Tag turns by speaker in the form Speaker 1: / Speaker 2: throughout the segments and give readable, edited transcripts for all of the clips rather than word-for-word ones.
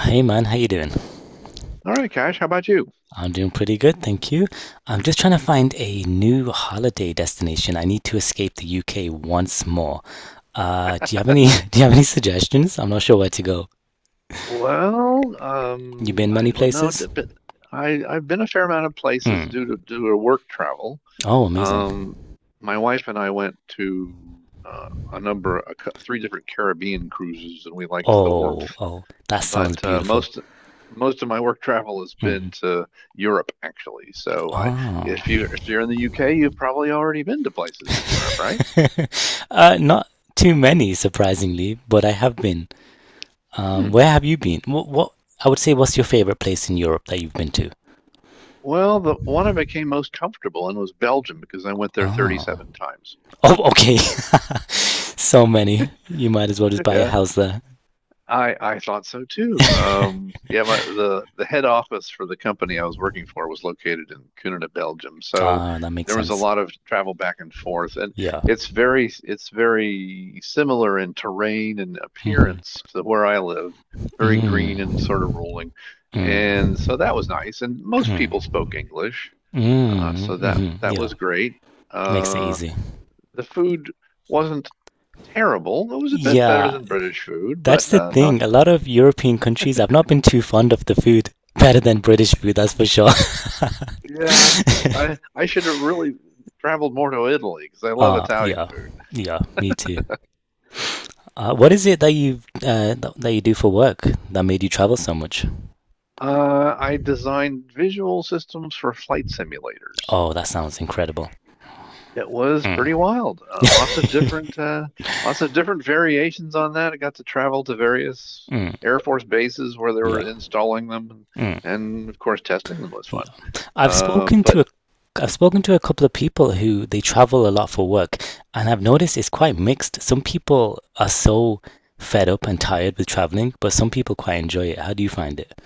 Speaker 1: Hey man, how you doing?
Speaker 2: All right, Cash, how about you?
Speaker 1: I'm doing pretty good, thank you. I'm just trying to find a new holiday destination. I need to escape the UK once more. Do you have any Do you have any suggestions? I'm not sure where to go.
Speaker 2: Well,
Speaker 1: You been
Speaker 2: I
Speaker 1: many
Speaker 2: don't know,
Speaker 1: places?
Speaker 2: d- but I've been a fair amount of places
Speaker 1: Mm.
Speaker 2: due to work travel.
Speaker 1: Oh, amazing.
Speaker 2: Um, my wife and I went to a number, a, cou- three different Caribbean cruises, and we liked the warmth.
Speaker 1: Oh, that sounds
Speaker 2: But
Speaker 1: beautiful.
Speaker 2: most Most of my work travel has been
Speaker 1: Mm.
Speaker 2: to Europe, actually. So I,
Speaker 1: Oh.
Speaker 2: if you If you're in the UK, you've probably already been to places in Europe, right?
Speaker 1: Not too many, surprisingly, but I have been.
Speaker 2: Hmm.
Speaker 1: Where have you been? What's your favorite place in Europe that you've been to?
Speaker 2: Well, the one I became most comfortable in was Belgium because I went there
Speaker 1: Oh.
Speaker 2: 37 times.
Speaker 1: Oh, okay. So many. You might as well just buy a
Speaker 2: Yeah,
Speaker 1: house there.
Speaker 2: I thought so too. The head office for the company I was working for was located in Kuninga, Belgium. So
Speaker 1: Ah, that makes
Speaker 2: there was a
Speaker 1: sense.
Speaker 2: lot of travel back and forth, and
Speaker 1: Yeah.
Speaker 2: it's very similar in terrain and
Speaker 1: Mm-hmm.
Speaker 2: appearance to where I live. Very green and
Speaker 1: Mm.
Speaker 2: sort of rolling, and
Speaker 1: Mm.
Speaker 2: so that was nice. And most people
Speaker 1: Mm.
Speaker 2: spoke English,
Speaker 1: Mm.
Speaker 2: so that
Speaker 1: Mm-hmm.
Speaker 2: that
Speaker 1: Yeah.
Speaker 2: was great.
Speaker 1: Makes it
Speaker 2: Uh,
Speaker 1: easy.
Speaker 2: The food wasn't terrible. It was a bit better
Speaker 1: Yeah,
Speaker 2: than British food,
Speaker 1: that's
Speaker 2: but
Speaker 1: the
Speaker 2: not.
Speaker 1: thing. A lot of European countries, I've not been too fond of the food. Better than British food, that's for sure.
Speaker 2: Yeah, I I should have really traveled more to Italy because I love
Speaker 1: Ah,
Speaker 2: Italian
Speaker 1: yeah.
Speaker 2: food.
Speaker 1: Yeah, me too. What is it that you do for work that made you travel so much?
Speaker 2: I designed visual systems for flight simulators.
Speaker 1: Oh, that sounds incredible.
Speaker 2: It was pretty
Speaker 1: Mm,
Speaker 2: wild. Lots of different variations on that. I got to travel to various
Speaker 1: mm,
Speaker 2: Air Force bases where they were
Speaker 1: yeah.
Speaker 2: installing them,
Speaker 1: Mm.
Speaker 2: and of course testing them was
Speaker 1: Yeah.
Speaker 2: fun.
Speaker 1: I've spoken
Speaker 2: But
Speaker 1: to a I've spoken to a couple of people who they travel a lot for work, and I've noticed it's quite mixed. Some people are so fed up and tired with traveling, but some people quite enjoy it. How do you find it?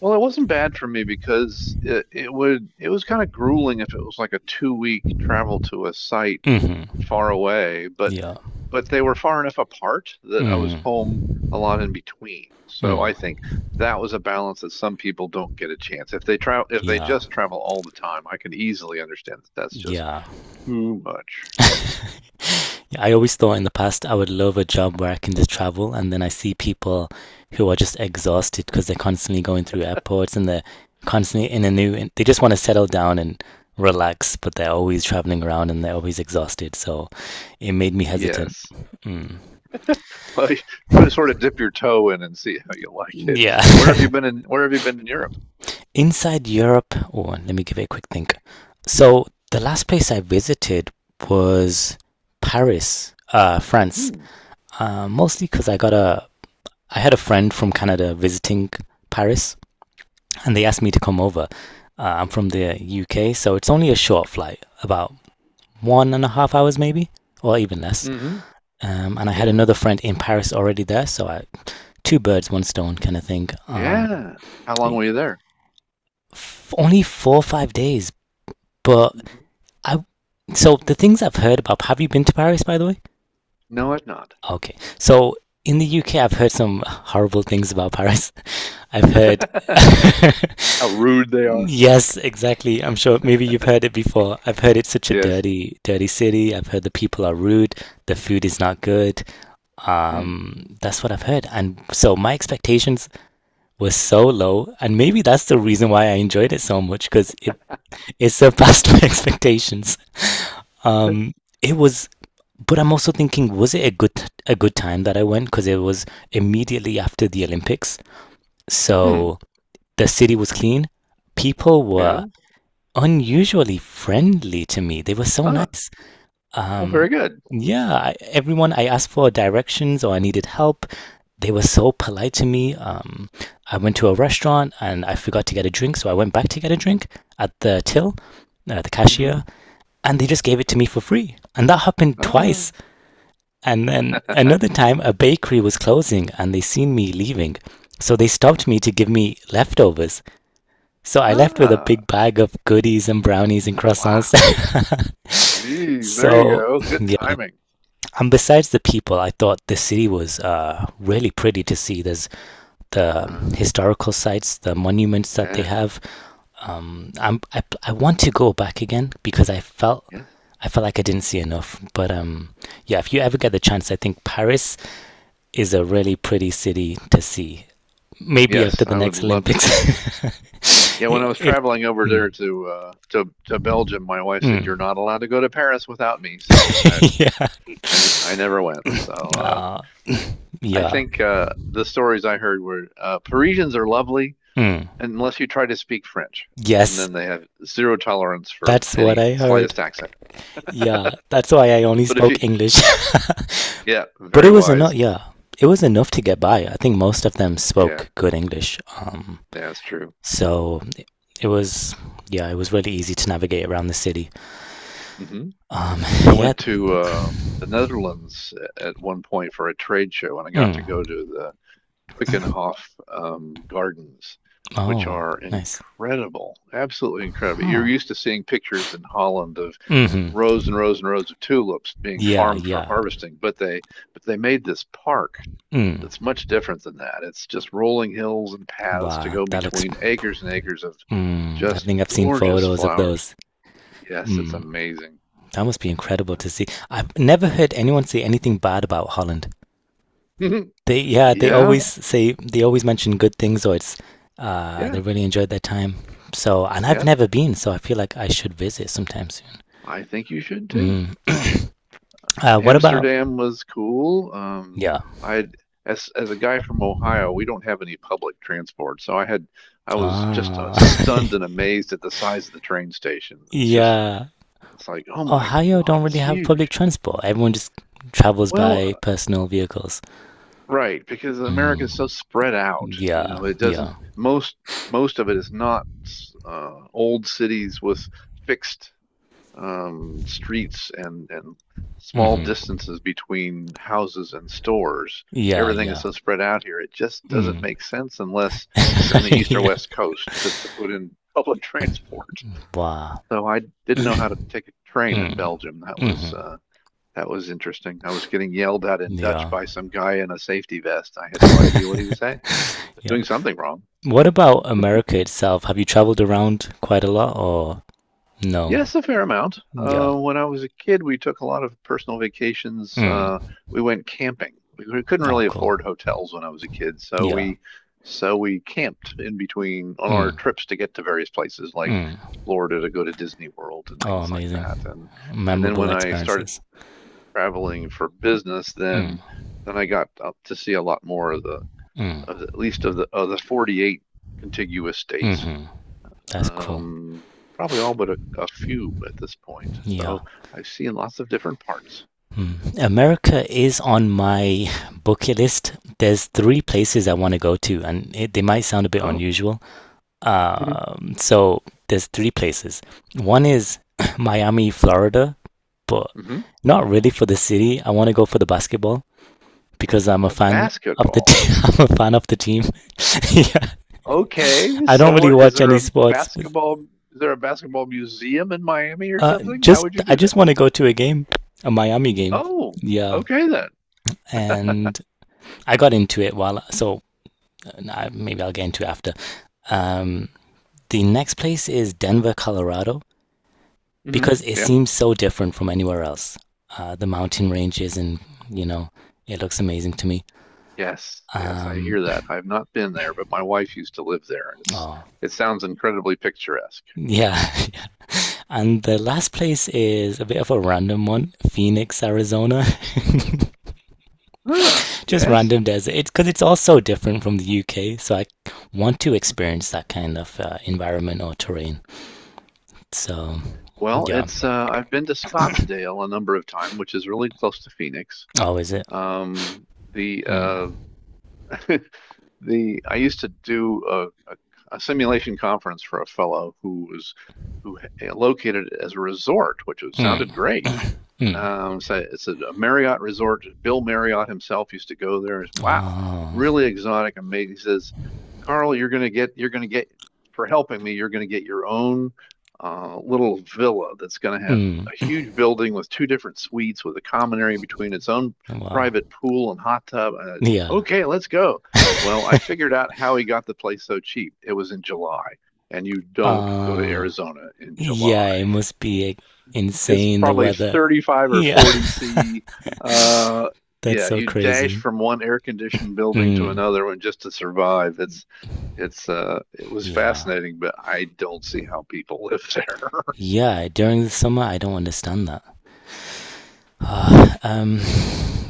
Speaker 2: Well, it wasn't bad for me because it was kind of grueling if it was like a two-week travel to a site
Speaker 1: Hmm.
Speaker 2: far away, but
Speaker 1: Yeah.
Speaker 2: but they were far enough apart that I was
Speaker 1: Hmm.
Speaker 2: home a lot in between. So I
Speaker 1: Mm.
Speaker 2: think that was a balance that some people don't get a chance. If they
Speaker 1: Yeah.
Speaker 2: just travel all the time, I can easily understand that that's just
Speaker 1: Yeah.
Speaker 2: too much.
Speaker 1: Yeah, I always thought in the past I would love a job where I can just travel, and then I see people who are just exhausted because they're constantly going through airports and they're constantly in a new. They just want to settle down and relax, but they're always traveling around and they're always exhausted. So it made me hesitant.
Speaker 2: Yes.
Speaker 1: Mm.
Speaker 2: Like, but sort of dip your toe in and see how you like it.
Speaker 1: Yeah.
Speaker 2: Where have you been in Europe?
Speaker 1: Inside Europe, oh, let me give it a quick think. So the last place I visited was Paris, France.
Speaker 2: Hmm.
Speaker 1: Mostly because I had a friend from Canada visiting Paris, and they asked me to come over. I'm from the UK, so it's only a short flight, about 1.5 hours maybe, or even less.
Speaker 2: hmm
Speaker 1: And I had
Speaker 2: Yeah.
Speaker 1: another friend in Paris already there, so two birds, one stone kind of thing.
Speaker 2: Yeah. How long were you there?
Speaker 1: Only 4 or 5 days, but
Speaker 2: Hmm
Speaker 1: I. So the things I've heard about. Have you been to Paris, by the way?
Speaker 2: No, I've not.
Speaker 1: Okay, so in the UK, I've heard some horrible things about Paris. I've heard
Speaker 2: How rude they are.
Speaker 1: Yes, exactly. I'm sure maybe you've heard it before. I've heard it's such a
Speaker 2: Yes.
Speaker 1: dirty, dirty city. I've heard the people are rude, the food is not good.
Speaker 2: Hmm.
Speaker 1: That's what I've heard. And so my expectations were so low, and maybe that's the reason why I enjoyed it so much because it surpassed my expectations.
Speaker 2: Hmm.
Speaker 1: Um, it was, but I'm also thinking, was it a good time that I went? Because it was immediately after the Olympics,
Speaker 2: Hmm.
Speaker 1: so the city was clean. People
Speaker 2: Yeah.
Speaker 1: were unusually friendly to me. They were so
Speaker 2: Ah.
Speaker 1: nice.
Speaker 2: Well,
Speaker 1: Um,
Speaker 2: very good.
Speaker 1: yeah, everyone I asked for directions or I needed help, they were so polite to me. I went to a restaurant and I forgot to get a drink, so I went back to get a drink at the till, the
Speaker 2: Hmm
Speaker 1: cashier, and they just gave it to me for free. And that happened twice.
Speaker 2: Ah.
Speaker 1: And then another time, a bakery was closing and they seen me leaving. So they stopped me to give me leftovers. So I left with a
Speaker 2: Ah.
Speaker 1: big bag of goodies and brownies and croissants.
Speaker 2: Wow. Geez, there you
Speaker 1: So,
Speaker 2: go. Good
Speaker 1: yeah.
Speaker 2: timing.
Speaker 1: And besides the people, I thought the city was really pretty to see. There's the
Speaker 2: Huh?
Speaker 1: historical sites, the monuments that they
Speaker 2: Yeah.
Speaker 1: have. I want to go back again because
Speaker 2: Yes.
Speaker 1: I felt like I didn't see enough. But yeah, if you ever get the chance, I think Paris is a really pretty city to see. Maybe after
Speaker 2: Yes,
Speaker 1: the
Speaker 2: I would
Speaker 1: next
Speaker 2: love to see it.
Speaker 1: Olympics,
Speaker 2: Yeah, when I was
Speaker 1: if
Speaker 2: traveling over there
Speaker 1: mm,
Speaker 2: to Belgium, my wife said you're
Speaker 1: mm.
Speaker 2: not allowed to go to Paris without me, so I
Speaker 1: Yeah.
Speaker 2: I, I never went. So I
Speaker 1: Yeah.
Speaker 2: think the stories I heard were Parisians are lovely
Speaker 1: Mm.
Speaker 2: unless you try to speak French, and
Speaker 1: Yes,
Speaker 2: then they have zero tolerance for
Speaker 1: that's what
Speaker 2: any
Speaker 1: I heard.
Speaker 2: slightest accent.
Speaker 1: Yeah, that's why I only
Speaker 2: But if you,
Speaker 1: spoke English.
Speaker 2: yeah,
Speaker 1: But it
Speaker 2: very
Speaker 1: was enough.
Speaker 2: wise.
Speaker 1: Yeah, it was enough to get by. I think most of them
Speaker 2: Yeah,
Speaker 1: spoke good English. Um,
Speaker 2: yeah, that's true.
Speaker 1: so it- it was, yeah, it was really easy to navigate around the city.
Speaker 2: Hmm
Speaker 1: Um,
Speaker 2: I
Speaker 1: yeah.
Speaker 2: went to the Netherlands at one point for a trade show, and I got to
Speaker 1: Mm.
Speaker 2: go to the Quickenhof gardens, which
Speaker 1: Oh,
Speaker 2: are
Speaker 1: nice.
Speaker 2: incredible, absolutely incredible. You're
Speaker 1: Huh.
Speaker 2: used to seeing pictures in Holland of
Speaker 1: Mm-hmm.
Speaker 2: rows and rows and rows of tulips being
Speaker 1: Yeah,
Speaker 2: farmed for
Speaker 1: yeah.
Speaker 2: harvesting, but they made this park
Speaker 1: Mm.
Speaker 2: that's much different than that. It's just rolling hills and paths to
Speaker 1: Wow,
Speaker 2: go
Speaker 1: that looks.
Speaker 2: between acres and acres of
Speaker 1: Mm. I
Speaker 2: just
Speaker 1: think I've seen
Speaker 2: gorgeous
Speaker 1: photos of
Speaker 2: flowers.
Speaker 1: those.
Speaker 2: Yes, it's
Speaker 1: Mm.
Speaker 2: amazing.
Speaker 1: That must be incredible to see. I've never heard anyone say anything bad about Holland. They Yeah, they
Speaker 2: Yeah,
Speaker 1: always say, they always mention good things, or it's, they
Speaker 2: yeah,
Speaker 1: really enjoyed their time. So and I've
Speaker 2: yeah.
Speaker 1: never been, so I feel like I should visit sometime
Speaker 2: I think you should too.
Speaker 1: soon. Mm. What about.
Speaker 2: Amsterdam was cool.
Speaker 1: Yeah.
Speaker 2: I as a guy from Ohio, we don't have any public transport, so I was just
Speaker 1: Ah,
Speaker 2: stunned and amazed at the size of the train station.
Speaker 1: yeah.
Speaker 2: It's like, oh my
Speaker 1: Ohio
Speaker 2: God,
Speaker 1: don't
Speaker 2: it's
Speaker 1: really have public
Speaker 2: huge.
Speaker 1: transport. Everyone just travels
Speaker 2: Well,
Speaker 1: by
Speaker 2: uh,
Speaker 1: personal vehicles.
Speaker 2: right, because America is so
Speaker 1: Mm.
Speaker 2: spread out. You
Speaker 1: Yeah,
Speaker 2: know, it doesn't
Speaker 1: yeah.
Speaker 2: Most most of it is not old cities with fixed streets and small
Speaker 1: Hmm.
Speaker 2: distances between houses and stores.
Speaker 1: Yeah,
Speaker 2: Everything is
Speaker 1: yeah.
Speaker 2: so spread out here. It just doesn't
Speaker 1: Mm.
Speaker 2: make sense unless you're on the east or
Speaker 1: Yeah.
Speaker 2: west coast to put in public transport.
Speaker 1: Wow.
Speaker 2: So I didn't know how to
Speaker 1: Mm.
Speaker 2: take a train in Belgium.
Speaker 1: Hmm.
Speaker 2: That was interesting. I was getting yelled at in Dutch
Speaker 1: Yeah.
Speaker 2: by some guy in a safety vest. I had no idea what he was saying. I was
Speaker 1: Yeah.
Speaker 2: doing something wrong.
Speaker 1: What about America itself? Have you traveled around quite a lot or no?
Speaker 2: Yes, a fair amount.
Speaker 1: Yeah.
Speaker 2: When I was a kid, we took a lot of personal vacations.
Speaker 1: Mm.
Speaker 2: We went camping. We couldn't
Speaker 1: Oh,
Speaker 2: really
Speaker 1: cool.
Speaker 2: afford hotels when I was a kid, so
Speaker 1: Yeah.
Speaker 2: we so we camped in between on our
Speaker 1: Mm.
Speaker 2: trips to get to various places like
Speaker 1: Mm.
Speaker 2: Florida to go to Disney World and
Speaker 1: Oh,
Speaker 2: things like
Speaker 1: amazing.
Speaker 2: that. And then
Speaker 1: Memorable
Speaker 2: when I started
Speaker 1: experiences.
Speaker 2: traveling for business,
Speaker 1: Mm.
Speaker 2: then I got up to see a lot more
Speaker 1: Mm.
Speaker 2: of the, at least of the 48 contiguous states,
Speaker 1: Hmm. That's cool.
Speaker 2: um, probably all but a few at this point.
Speaker 1: Yeah.
Speaker 2: So I've seen lots of different parts.
Speaker 1: Mm. America is on my bucket list. There's three places I want to go to, and they might sound a bit
Speaker 2: Oh.
Speaker 1: unusual.
Speaker 2: Mhm.
Speaker 1: So there's three places. One is Miami, Florida, but
Speaker 2: hmm
Speaker 1: not really for the city. I want to go for the basketball because I'm a
Speaker 2: the
Speaker 1: fan of the
Speaker 2: basketball.
Speaker 1: team. I'm a fan of the team. Yeah.
Speaker 2: Okay,
Speaker 1: I don't
Speaker 2: so
Speaker 1: really
Speaker 2: what is
Speaker 1: watch
Speaker 2: there
Speaker 1: any
Speaker 2: a
Speaker 1: sports.
Speaker 2: basketball? Is there a basketball museum in Miami or something? How
Speaker 1: Just
Speaker 2: would you
Speaker 1: I
Speaker 2: do that?
Speaker 1: just want to go to a game, a Miami game.
Speaker 2: Oh,
Speaker 1: Yeah.
Speaker 2: okay then.
Speaker 1: And I got into it while so maybe I'll get into it after. Um, the next place is Denver, Colorado
Speaker 2: Hmm
Speaker 1: because it
Speaker 2: Yeah.
Speaker 1: seems so different from anywhere else. The mountain ranges and you know it looks amazing to me.
Speaker 2: Yes, yes, I
Speaker 1: Um,
Speaker 2: hear that. I've not been there, but my wife used to live there, and
Speaker 1: oh,
Speaker 2: it sounds incredibly picturesque.
Speaker 1: yeah, and the last place is a bit of a random one: Phoenix, Arizona.
Speaker 2: Huh,
Speaker 1: Just
Speaker 2: yes.
Speaker 1: random desert. It's because it's all so different from the UK, so I want to experience that kind of environment or terrain. So
Speaker 2: Well,
Speaker 1: yeah.
Speaker 2: it's I've been to Scottsdale a number of times, which is really close to Phoenix.
Speaker 1: Oh, is it?
Speaker 2: The
Speaker 1: Mm,
Speaker 2: the I used to do a simulation conference for a fellow who located it as a resort, which
Speaker 1: mm,
Speaker 2: sounded great.
Speaker 1: mm.
Speaker 2: So it's a Marriott resort. Bill Marriott himself used to go there. It's, wow,
Speaker 1: Oh,
Speaker 2: really exotic, amazing. He says, Carl, you're gonna get for helping me. You're gonna get your own little villa that's gonna have a
Speaker 1: mm.
Speaker 2: huge building with two different suites with a common area between its own
Speaker 1: Wow.
Speaker 2: private pool and hot tub.
Speaker 1: Yeah.
Speaker 2: Okay, let's go. Well, I figured out how he got the place so cheap. It was in July, and you don't go to
Speaker 1: Uh,
Speaker 2: Arizona in
Speaker 1: yeah,
Speaker 2: July.
Speaker 1: it must be like,
Speaker 2: It's
Speaker 1: insane the
Speaker 2: probably
Speaker 1: weather.
Speaker 2: 35 or
Speaker 1: Yeah,
Speaker 2: 40 C. Uh,
Speaker 1: that's
Speaker 2: yeah,
Speaker 1: so
Speaker 2: you dash
Speaker 1: crazy.
Speaker 2: from one air conditioned building to
Speaker 1: Mm,
Speaker 2: another one just to survive. It's it was
Speaker 1: yeah.
Speaker 2: fascinating, but I don't see how people live there.
Speaker 1: Yeah, during the summer, I don't understand that. Uh, um,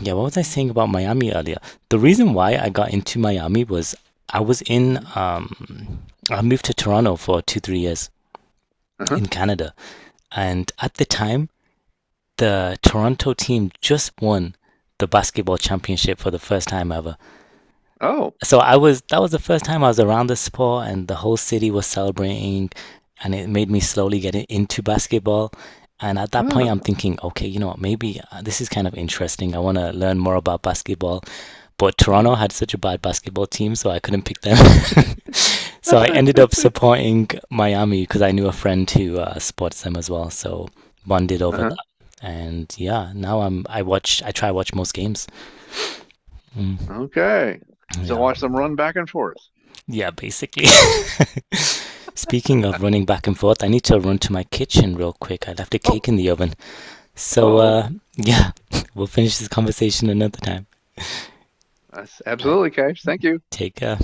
Speaker 1: yeah, what was I saying about Miami earlier? The reason why I got into Miami was I was in,
Speaker 2: Mhm.
Speaker 1: um, I moved to Toronto for 2, 3 years
Speaker 2: Uh-huh.
Speaker 1: in Canada. And at the time, the Toronto team just won the basketball championship for the first time ever.
Speaker 2: Oh.
Speaker 1: So I was that was the first time I was around the sport, and the whole city was celebrating. And it made me slowly get into basketball. And at that point
Speaker 2: Huh.
Speaker 1: I'm thinking, okay, you know what, maybe this is kind of interesting. I want to learn more about basketball, but Toronto
Speaker 2: Mhm.
Speaker 1: had such a bad basketball team, so I couldn't pick them. So I ended up supporting Miami because I knew a friend who supports them as well, so bonded over
Speaker 2: Uh-huh.
Speaker 1: that. And yeah, now I try watch most games. Mm,
Speaker 2: Okay. So
Speaker 1: yeah.
Speaker 2: watch them run back and forth.
Speaker 1: Yeah, basically. Speaking of running back and forth, I need to run to my kitchen real quick. I left a cake
Speaker 2: Oh,
Speaker 1: in the oven. So,
Speaker 2: oh.
Speaker 1: yeah, we'll finish this conversation another time.
Speaker 2: That's
Speaker 1: All right,
Speaker 2: absolutely, Cage. Thank you.
Speaker 1: take care.